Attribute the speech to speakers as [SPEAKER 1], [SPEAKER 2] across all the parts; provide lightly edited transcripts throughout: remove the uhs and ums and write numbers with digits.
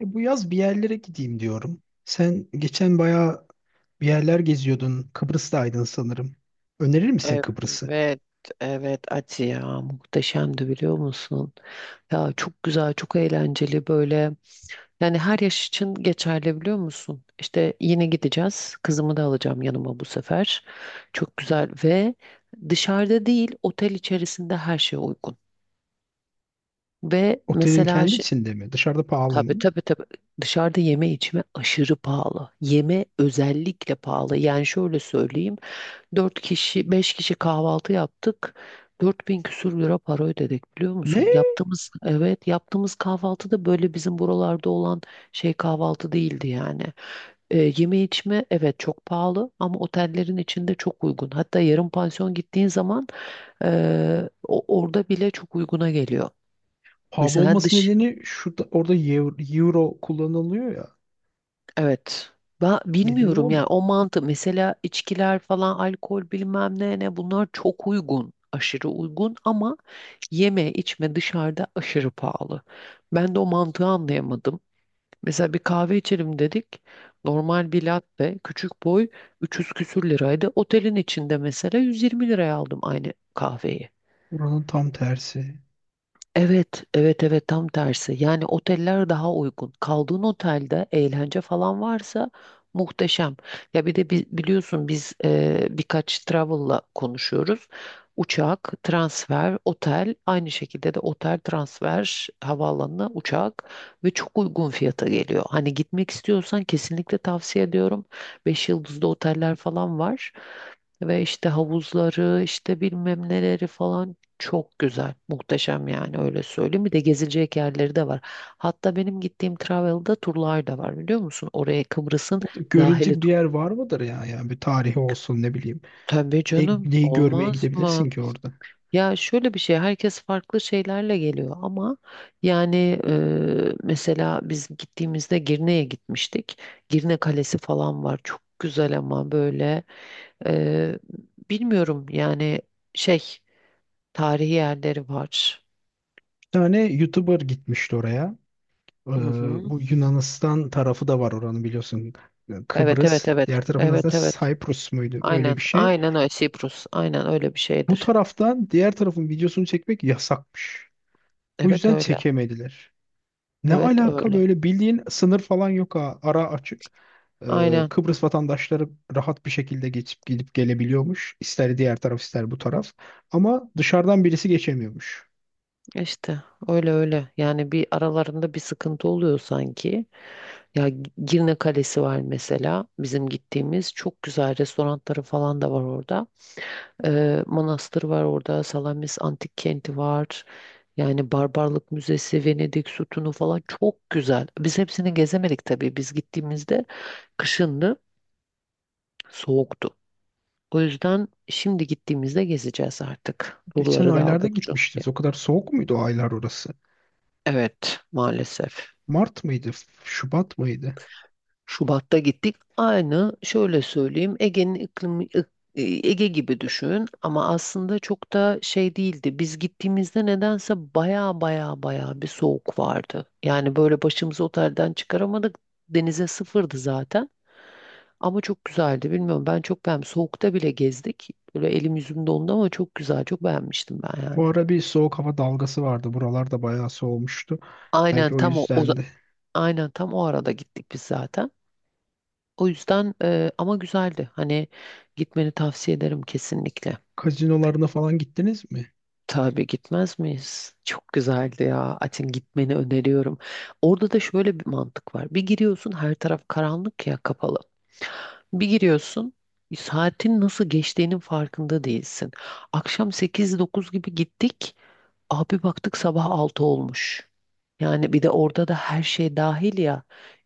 [SPEAKER 1] E, bu yaz bir yerlere gideyim diyorum. Sen geçen bayağı bir yerler geziyordun. Kıbrıs'taydın sanırım. Önerir misin Kıbrıs'ı?
[SPEAKER 2] Evet, evet Ati ya muhteşemdi biliyor musun? Ya çok güzel, çok eğlenceli böyle. Yani her yaş için geçerli biliyor musun? İşte yine gideceğiz. Kızımı da alacağım yanıma bu sefer. Çok güzel ve dışarıda değil, otel içerisinde her şey uygun. Ve
[SPEAKER 1] Otelin
[SPEAKER 2] mesela
[SPEAKER 1] kendi
[SPEAKER 2] şi-
[SPEAKER 1] içinde mi? Dışarıda pahalı
[SPEAKER 2] tabii,
[SPEAKER 1] mı?
[SPEAKER 2] tabii, tabii, dışarıda yeme içme aşırı pahalı. Yeme özellikle pahalı. Yani şöyle söyleyeyim. Dört kişi, beş kişi kahvaltı yaptık. 4000 küsur lira para ödedik biliyor
[SPEAKER 1] Ne?
[SPEAKER 2] musun? Yaptığımız, evet yaptığımız kahvaltı da böyle bizim buralarda olan şey kahvaltı değildi yani. Yeme içme evet çok pahalı ama otellerin içinde çok uygun. Hatta yarım pansiyon gittiğin zaman orada bile çok uyguna geliyor.
[SPEAKER 1] Pahalı
[SPEAKER 2] Mesela
[SPEAKER 1] olması
[SPEAKER 2] dış
[SPEAKER 1] nedeni şurada orada euro, euro kullanılıyor ya.
[SPEAKER 2] Evet. Ben
[SPEAKER 1] Nedeni o
[SPEAKER 2] bilmiyorum
[SPEAKER 1] mu?
[SPEAKER 2] yani o mantı mesela içkiler falan alkol bilmem ne ne bunlar çok uygun. Aşırı uygun ama yeme içme dışarıda aşırı pahalı. Ben de o mantığı anlayamadım. Mesela bir kahve içelim dedik. Normal bir latte küçük boy 300 küsür liraydı. Otelin içinde mesela 120 liraya aldım aynı kahveyi.
[SPEAKER 1] Buranın tam tersi.
[SPEAKER 2] Evet, evet, evet, tam tersi. Yani oteller daha uygun. Kaldığın otelde eğlence falan varsa muhteşem. Ya bir de biliyorsun biz birkaç travel'la konuşuyoruz. Uçak, transfer, otel, aynı şekilde de otel, transfer, havaalanına uçak ve çok uygun fiyata geliyor. Hani gitmek istiyorsan kesinlikle tavsiye ediyorum. Beş yıldızlı oteller falan var. Ve işte havuzları, işte bilmem neleri falan çok güzel, muhteşem yani öyle söyleyeyim. Bir de gezilecek yerleri de var. Hatta benim gittiğim Travel'da turlar da var biliyor musun? Oraya Kıbrıs'ın dahili.
[SPEAKER 1] Görülecek bir yer var mıdır ya? Yani bir tarihi olsun ne bileyim.
[SPEAKER 2] Tabii
[SPEAKER 1] Ne,
[SPEAKER 2] canım,
[SPEAKER 1] neyi görmeye
[SPEAKER 2] olmaz mı?
[SPEAKER 1] gidebilirsin ki orada?
[SPEAKER 2] Ya şöyle bir şey, herkes farklı şeylerle geliyor ama yani mesela biz gittiğimizde Girne'ye gitmiştik. Girne Kalesi falan var. Çok güzel ama böyle e, bilmiyorum yani şey tarihi yerleri var.
[SPEAKER 1] Bir tane YouTuber gitmişti oraya. Ee,
[SPEAKER 2] Hı hı.
[SPEAKER 1] Bu Yunanistan tarafı da var oranın biliyorsun.
[SPEAKER 2] Evet,
[SPEAKER 1] Kıbrıs.
[SPEAKER 2] evet, evet.
[SPEAKER 1] Diğer tarafın aslında
[SPEAKER 2] Evet, evet.
[SPEAKER 1] Cyprus muydu? Öyle
[SPEAKER 2] Aynen.
[SPEAKER 1] bir şey.
[SPEAKER 2] Aynen öyle. Sibrus. Aynen öyle bir
[SPEAKER 1] Bu
[SPEAKER 2] şeydir.
[SPEAKER 1] taraftan diğer tarafın videosunu çekmek yasakmış. O
[SPEAKER 2] Evet
[SPEAKER 1] yüzden
[SPEAKER 2] öyle.
[SPEAKER 1] çekemediler. Ne
[SPEAKER 2] Evet
[SPEAKER 1] alaka
[SPEAKER 2] öyle.
[SPEAKER 1] böyle bildiğin sınır falan yok ha. Ara açık.
[SPEAKER 2] Aynen.
[SPEAKER 1] Kıbrıs vatandaşları rahat bir şekilde geçip gidip gelebiliyormuş. İster diğer taraf ister bu taraf. Ama dışarıdan birisi geçemiyormuş.
[SPEAKER 2] işte öyle öyle. Yani bir aralarında bir sıkıntı oluyor sanki. Ya Girne Kalesi var mesela bizim gittiğimiz. Çok güzel restoranları falan da var orada. Manastır var orada. Salamis Antik Kenti var. Yani Barbarlık Müzesi, Venedik Sütunu falan çok güzel. Biz hepsini gezemedik tabii. Biz gittiğimizde kışındı, soğuktu. O yüzden şimdi gittiğimizde gezeceğiz artık.
[SPEAKER 1] Geçen
[SPEAKER 2] Turları da
[SPEAKER 1] aylarda
[SPEAKER 2] aldık çünkü.
[SPEAKER 1] gitmiştiniz. O kadar soğuk muydu o aylar orası?
[SPEAKER 2] Evet, maalesef.
[SPEAKER 1] Mart mıydı? Şubat mıydı?
[SPEAKER 2] Şubat'ta gittik. Aynı şöyle söyleyeyim Ege'nin iklimi Ege gibi düşün ama aslında çok da şey değildi. Biz gittiğimizde nedense baya baya baya bir soğuk vardı. Yani böyle başımızı otelden çıkaramadık. Denize sıfırdı zaten. Ama çok güzeldi. Bilmiyorum ben çok beğendim. Soğukta bile gezdik. Böyle elim yüzüm dondu ama çok güzel. Çok beğenmiştim ben
[SPEAKER 1] O
[SPEAKER 2] yani.
[SPEAKER 1] ara bir soğuk hava dalgası vardı. Buralarda bayağı soğumuştu. Belki
[SPEAKER 2] Aynen
[SPEAKER 1] o
[SPEAKER 2] tam o.
[SPEAKER 1] yüzden de.
[SPEAKER 2] Aynen tam o arada gittik biz zaten. O yüzden ama güzeldi. Hani gitmeni tavsiye ederim kesinlikle.
[SPEAKER 1] Kazinolarına falan gittiniz mi?
[SPEAKER 2] Tabii gitmez miyiz? Çok güzeldi ya. Açın gitmeni öneriyorum. Orada da şöyle bir mantık var. Bir giriyorsun her taraf karanlık ya kapalı. Bir giriyorsun, saatin nasıl geçtiğinin farkında değilsin. Akşam sekiz dokuz gibi gittik. Abi baktık sabah 6 olmuş. Yani bir de orada da her şey dahil ya.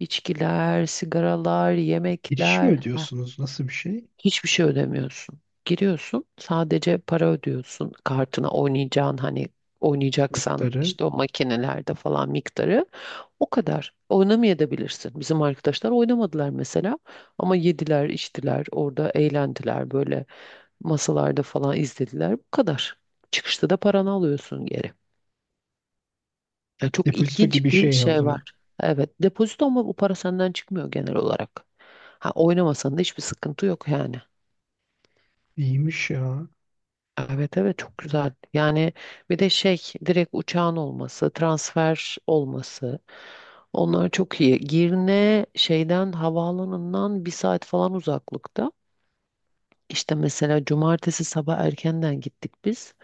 [SPEAKER 2] İçkiler, sigaralar,
[SPEAKER 1] Giriş mi
[SPEAKER 2] yemekler. Ha,
[SPEAKER 1] ödüyorsunuz? Nasıl bir şey?
[SPEAKER 2] hiçbir şey ödemiyorsun. Giriyorsun, sadece para ödüyorsun. Kartına oynayacağın hani oynayacaksan
[SPEAKER 1] Miktarı.
[SPEAKER 2] işte o makinelerde falan miktarı. O kadar. Oynamayabilirsin. Bizim arkadaşlar oynamadılar mesela ama yediler, içtiler, orada eğlendiler böyle masalarda falan izlediler. Bu kadar. Çıkışta da paranı alıyorsun geri. Yani çok
[SPEAKER 1] Depozito gibi
[SPEAKER 2] ilginç bir
[SPEAKER 1] şey ya o
[SPEAKER 2] şey
[SPEAKER 1] zaman.
[SPEAKER 2] var. Evet, depozito ama bu para senden çıkmıyor genel olarak. Ha, oynamasan da hiçbir sıkıntı yok yani.
[SPEAKER 1] İyiymiş ya.
[SPEAKER 2] Evet, evet, çok güzel. Yani bir de şey direkt uçağın olması, transfer olması. Onlar çok iyi. Girne şeyden havaalanından bir saat falan uzaklıkta. İşte mesela cumartesi sabah erkenden gittik biz.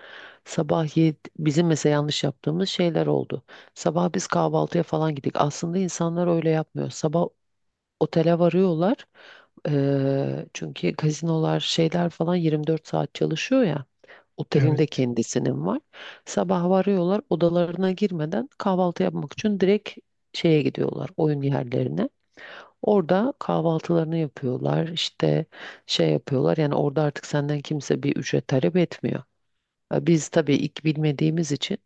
[SPEAKER 2] Sabah 7, bizim mesela yanlış yaptığımız şeyler oldu. Sabah biz kahvaltıya falan gittik. Aslında insanlar öyle yapmıyor. Sabah otele varıyorlar. Çünkü gazinolar şeyler falan 24 saat çalışıyor ya. Otelin de
[SPEAKER 1] Evet.
[SPEAKER 2] kendisinin var. Sabah varıyorlar odalarına girmeden kahvaltı yapmak için direkt şeye gidiyorlar oyun yerlerine. Orada kahvaltılarını yapıyorlar, işte şey yapıyorlar. Yani orada artık senden kimse bir ücret talep etmiyor. Ha, biz tabii ilk bilmediğimiz için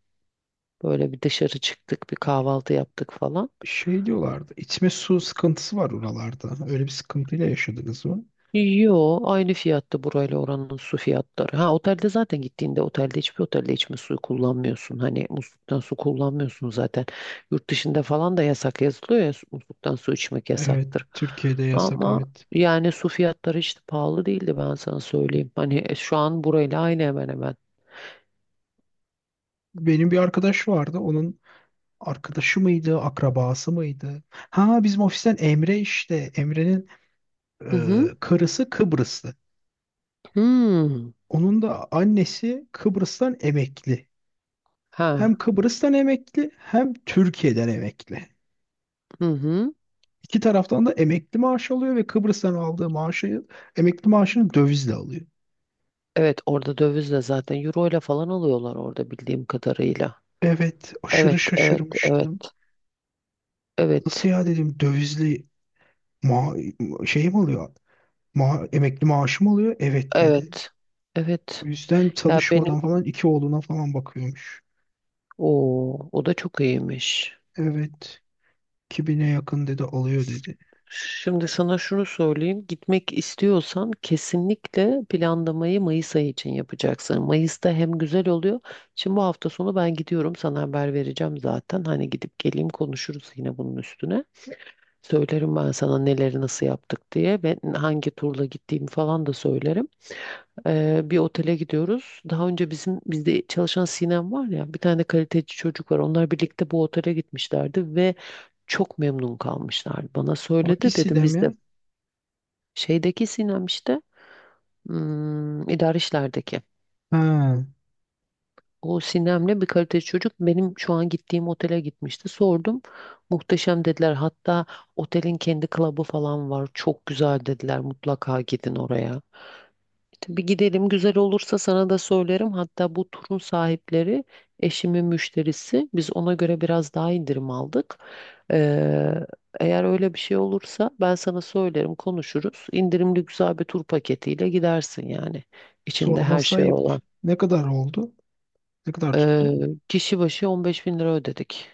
[SPEAKER 2] böyle bir dışarı çıktık, bir kahvaltı yaptık falan.
[SPEAKER 1] Şey diyorlardı. İçme su sıkıntısı var oralarda. Öyle bir sıkıntıyla yaşadınız mı?
[SPEAKER 2] Yo, aynı fiyatta burayla oranın su fiyatları. Ha otelde zaten gittiğinde otelde hiçbir otelde içme suyu kullanmıyorsun. Hani musluktan su kullanmıyorsun zaten. Yurt dışında falan da yasak yazılıyor ya musluktan su içmek
[SPEAKER 1] Evet.
[SPEAKER 2] yasaktır.
[SPEAKER 1] Türkiye'de yasak
[SPEAKER 2] Ama
[SPEAKER 1] evet.
[SPEAKER 2] yani su fiyatları işte pahalı değildi ben sana söyleyeyim. Hani şu an burayla aynı hemen hemen.
[SPEAKER 1] Benim bir arkadaş vardı. Arkadaşı mıydı, akrabası mıydı? Ha bizim ofisten Emre işte. Emre'nin
[SPEAKER 2] Hı hı.
[SPEAKER 1] karısı Kıbrıslı.
[SPEAKER 2] Hmm.
[SPEAKER 1] Onun da annesi Kıbrıs'tan emekli. Hem
[SPEAKER 2] Ha.
[SPEAKER 1] Kıbrıs'tan emekli hem Türkiye'den emekli.
[SPEAKER 2] Hı hı.
[SPEAKER 1] İki taraftan da emekli maaş alıyor ve Kıbrıs'tan aldığı maaşı emekli maaşını dövizle alıyor.
[SPEAKER 2] Evet orada dövizle zaten euro ile falan alıyorlar orada bildiğim kadarıyla.
[SPEAKER 1] Evet, aşırı
[SPEAKER 2] Evet, evet, evet.
[SPEAKER 1] şaşırmıştım. Nasıl
[SPEAKER 2] Evet.
[SPEAKER 1] ya dedim dövizli ma şey mi alıyor? Emekli maaşı mı alıyor? Evet dedi.
[SPEAKER 2] Evet.
[SPEAKER 1] O
[SPEAKER 2] Evet.
[SPEAKER 1] yüzden
[SPEAKER 2] Ya benim
[SPEAKER 1] çalışmadan falan iki oğluna falan bakıyormuş.
[SPEAKER 2] o da çok iyiymiş.
[SPEAKER 1] Evet. 2000'e yakın dedi alıyor dedi.
[SPEAKER 2] Şimdi sana şunu söyleyeyim. Gitmek istiyorsan kesinlikle planlamayı Mayıs ayı için yapacaksın. Mayıs'ta hem güzel oluyor. Şimdi bu hafta sonu ben gidiyorum. Sana haber vereceğim zaten. Hani gidip geleyim konuşuruz yine bunun üstüne. Söylerim ben sana neleri nasıl yaptık diye ve hangi turla gittiğimi falan da söylerim. Bir otele gidiyoruz. Daha önce bizde çalışan Sinem var ya bir tane kaliteci çocuk var. Onlar birlikte bu otele gitmişlerdi ve çok memnun kalmışlar. Bana söyledi
[SPEAKER 1] Hangi
[SPEAKER 2] dedim
[SPEAKER 1] dem
[SPEAKER 2] biz de
[SPEAKER 1] ya?
[SPEAKER 2] şeydeki Sinem işte idari işlerdeki.
[SPEAKER 1] Ha,
[SPEAKER 2] O Sinem'le bir kaliteli çocuk benim şu an gittiğim otele gitmişti. Sordum. Muhteşem dediler. Hatta otelin kendi klubu falan var. Çok güzel dediler. Mutlaka gidin oraya. Bir gidelim güzel olursa sana da söylerim. Hatta bu turun sahipleri eşimin müşterisi. Biz ona göre biraz daha indirim aldık. Ee, eğer öyle bir şey olursa ben sana söylerim konuşuruz. İndirimli güzel bir tur paketiyle gidersin yani. İçinde her
[SPEAKER 1] sorması
[SPEAKER 2] şey
[SPEAKER 1] ayıp.
[SPEAKER 2] olan.
[SPEAKER 1] Ne kadar oldu? Ne kadar tuttu?
[SPEAKER 2] Ee, kişi başı 15 bin lira ödedik.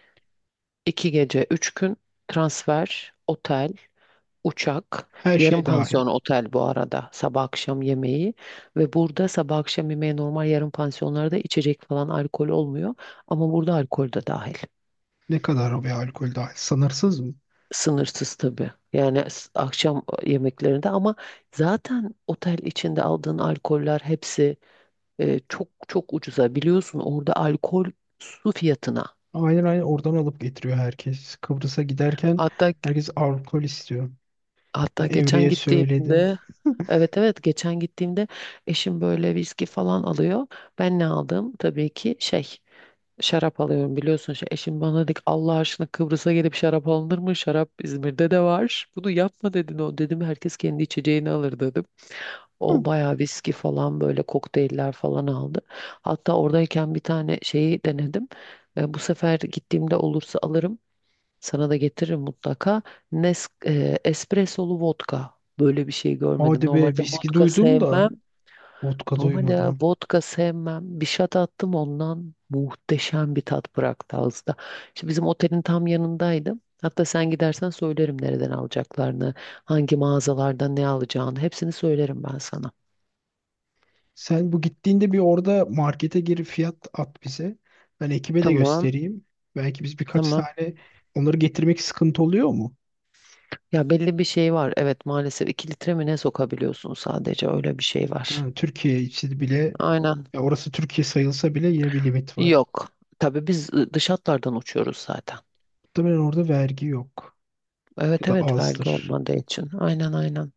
[SPEAKER 2] 2 gece, 3 gün, transfer, otel, uçak,
[SPEAKER 1] Her
[SPEAKER 2] yarım
[SPEAKER 1] şey dahil.
[SPEAKER 2] pansiyon otel, bu arada sabah akşam yemeği ve burada sabah akşam yemeği normal yarım pansiyonlarda içecek falan alkol olmuyor ama burada alkol de dahil.
[SPEAKER 1] Ne kadar o bir alkol dahil? Sınırsız mı?
[SPEAKER 2] Sınırsız tabii. Yani akşam yemeklerinde ama zaten otel içinde aldığın alkoller hepsi çok çok ucuza biliyorsun orada alkol su fiyatına.
[SPEAKER 1] Aynen aynen oradan alıp getiriyor herkes. Kıbrıs'a giderken
[SPEAKER 2] Hatta
[SPEAKER 1] herkes alkol istiyor.
[SPEAKER 2] Hatta
[SPEAKER 1] Ben
[SPEAKER 2] geçen
[SPEAKER 1] Emre'ye söyledim.
[SPEAKER 2] gittiğimde evet, evet, geçen gittiğimde eşim böyle viski falan alıyor. Ben ne aldım? Tabii ki şey şarap alıyorum biliyorsun. Şey, eşim bana dedi ki, Allah aşkına Kıbrıs'a gelip şarap alınır mı? Şarap İzmir'de de var. Bunu yapma dedin o. Dedim herkes kendi içeceğini alır dedim.
[SPEAKER 1] Hı.
[SPEAKER 2] O bayağı viski falan böyle kokteyller falan aldı. Hatta oradayken bir tane şeyi denedim. Bu sefer gittiğimde olursa alırım. Sana da getiririm mutlaka. Espressolu vodka. Böyle bir şey görmedim.
[SPEAKER 1] Hadi be
[SPEAKER 2] Normalde
[SPEAKER 1] viski
[SPEAKER 2] vodka
[SPEAKER 1] duydum
[SPEAKER 2] sevmem.
[SPEAKER 1] da vodka
[SPEAKER 2] Normalde
[SPEAKER 1] duymadım.
[SPEAKER 2] vodka sevmem. Bir shot attım ondan muhteşem bir tat bıraktı ağızda. İşte bizim otelin tam yanındaydım. Hatta sen gidersen söylerim nereden alacaklarını, hangi mağazalardan ne alacağını. Hepsini söylerim ben sana.
[SPEAKER 1] Sen bu gittiğinde bir orada markete girip fiyat at bize. Ben ekibe de
[SPEAKER 2] Tamam,
[SPEAKER 1] göstereyim. Belki biz birkaç
[SPEAKER 2] tamam.
[SPEAKER 1] tane onları getirmek sıkıntı oluyor mu?
[SPEAKER 2] Ya belli bir şey var. Evet maalesef 2 litre mi ne sokabiliyorsun sadece öyle bir şey var.
[SPEAKER 1] Ha, Türkiye için bile
[SPEAKER 2] Aynen.
[SPEAKER 1] ya orası Türkiye sayılsa bile yine bir limit var.
[SPEAKER 2] Yok. Tabii biz dış hatlardan uçuyoruz zaten.
[SPEAKER 1] Muhtemelen orada vergi yok ya
[SPEAKER 2] Evet,
[SPEAKER 1] da
[SPEAKER 2] evet vergi
[SPEAKER 1] azdır.
[SPEAKER 2] olmadığı için. Aynen, aynen.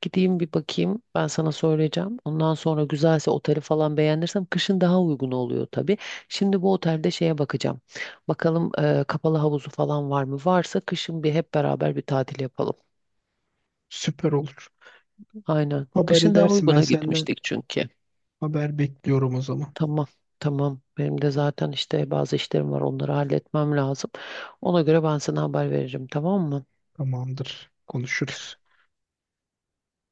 [SPEAKER 2] Gideyim bir bakayım. Ben sana söyleyeceğim. Ondan sonra güzelse oteli falan beğenirsem kışın daha uygun oluyor tabii. Şimdi bu otelde şeye bakacağım. Bakalım kapalı havuzu falan var mı? Varsa kışın bir hep beraber bir tatil yapalım.
[SPEAKER 1] Süper olur.
[SPEAKER 2] Aynen.
[SPEAKER 1] Haber
[SPEAKER 2] Kışın daha
[SPEAKER 1] edersin ben
[SPEAKER 2] uyguna
[SPEAKER 1] senden
[SPEAKER 2] gitmiştik çünkü.
[SPEAKER 1] haber bekliyorum o zaman.
[SPEAKER 2] Tamam. Tamam. Benim de zaten işte bazı işlerim var. Onları halletmem lazım. Ona göre ben sana haber veririm. Tamam mı?
[SPEAKER 1] Tamamdır. Konuşuruz.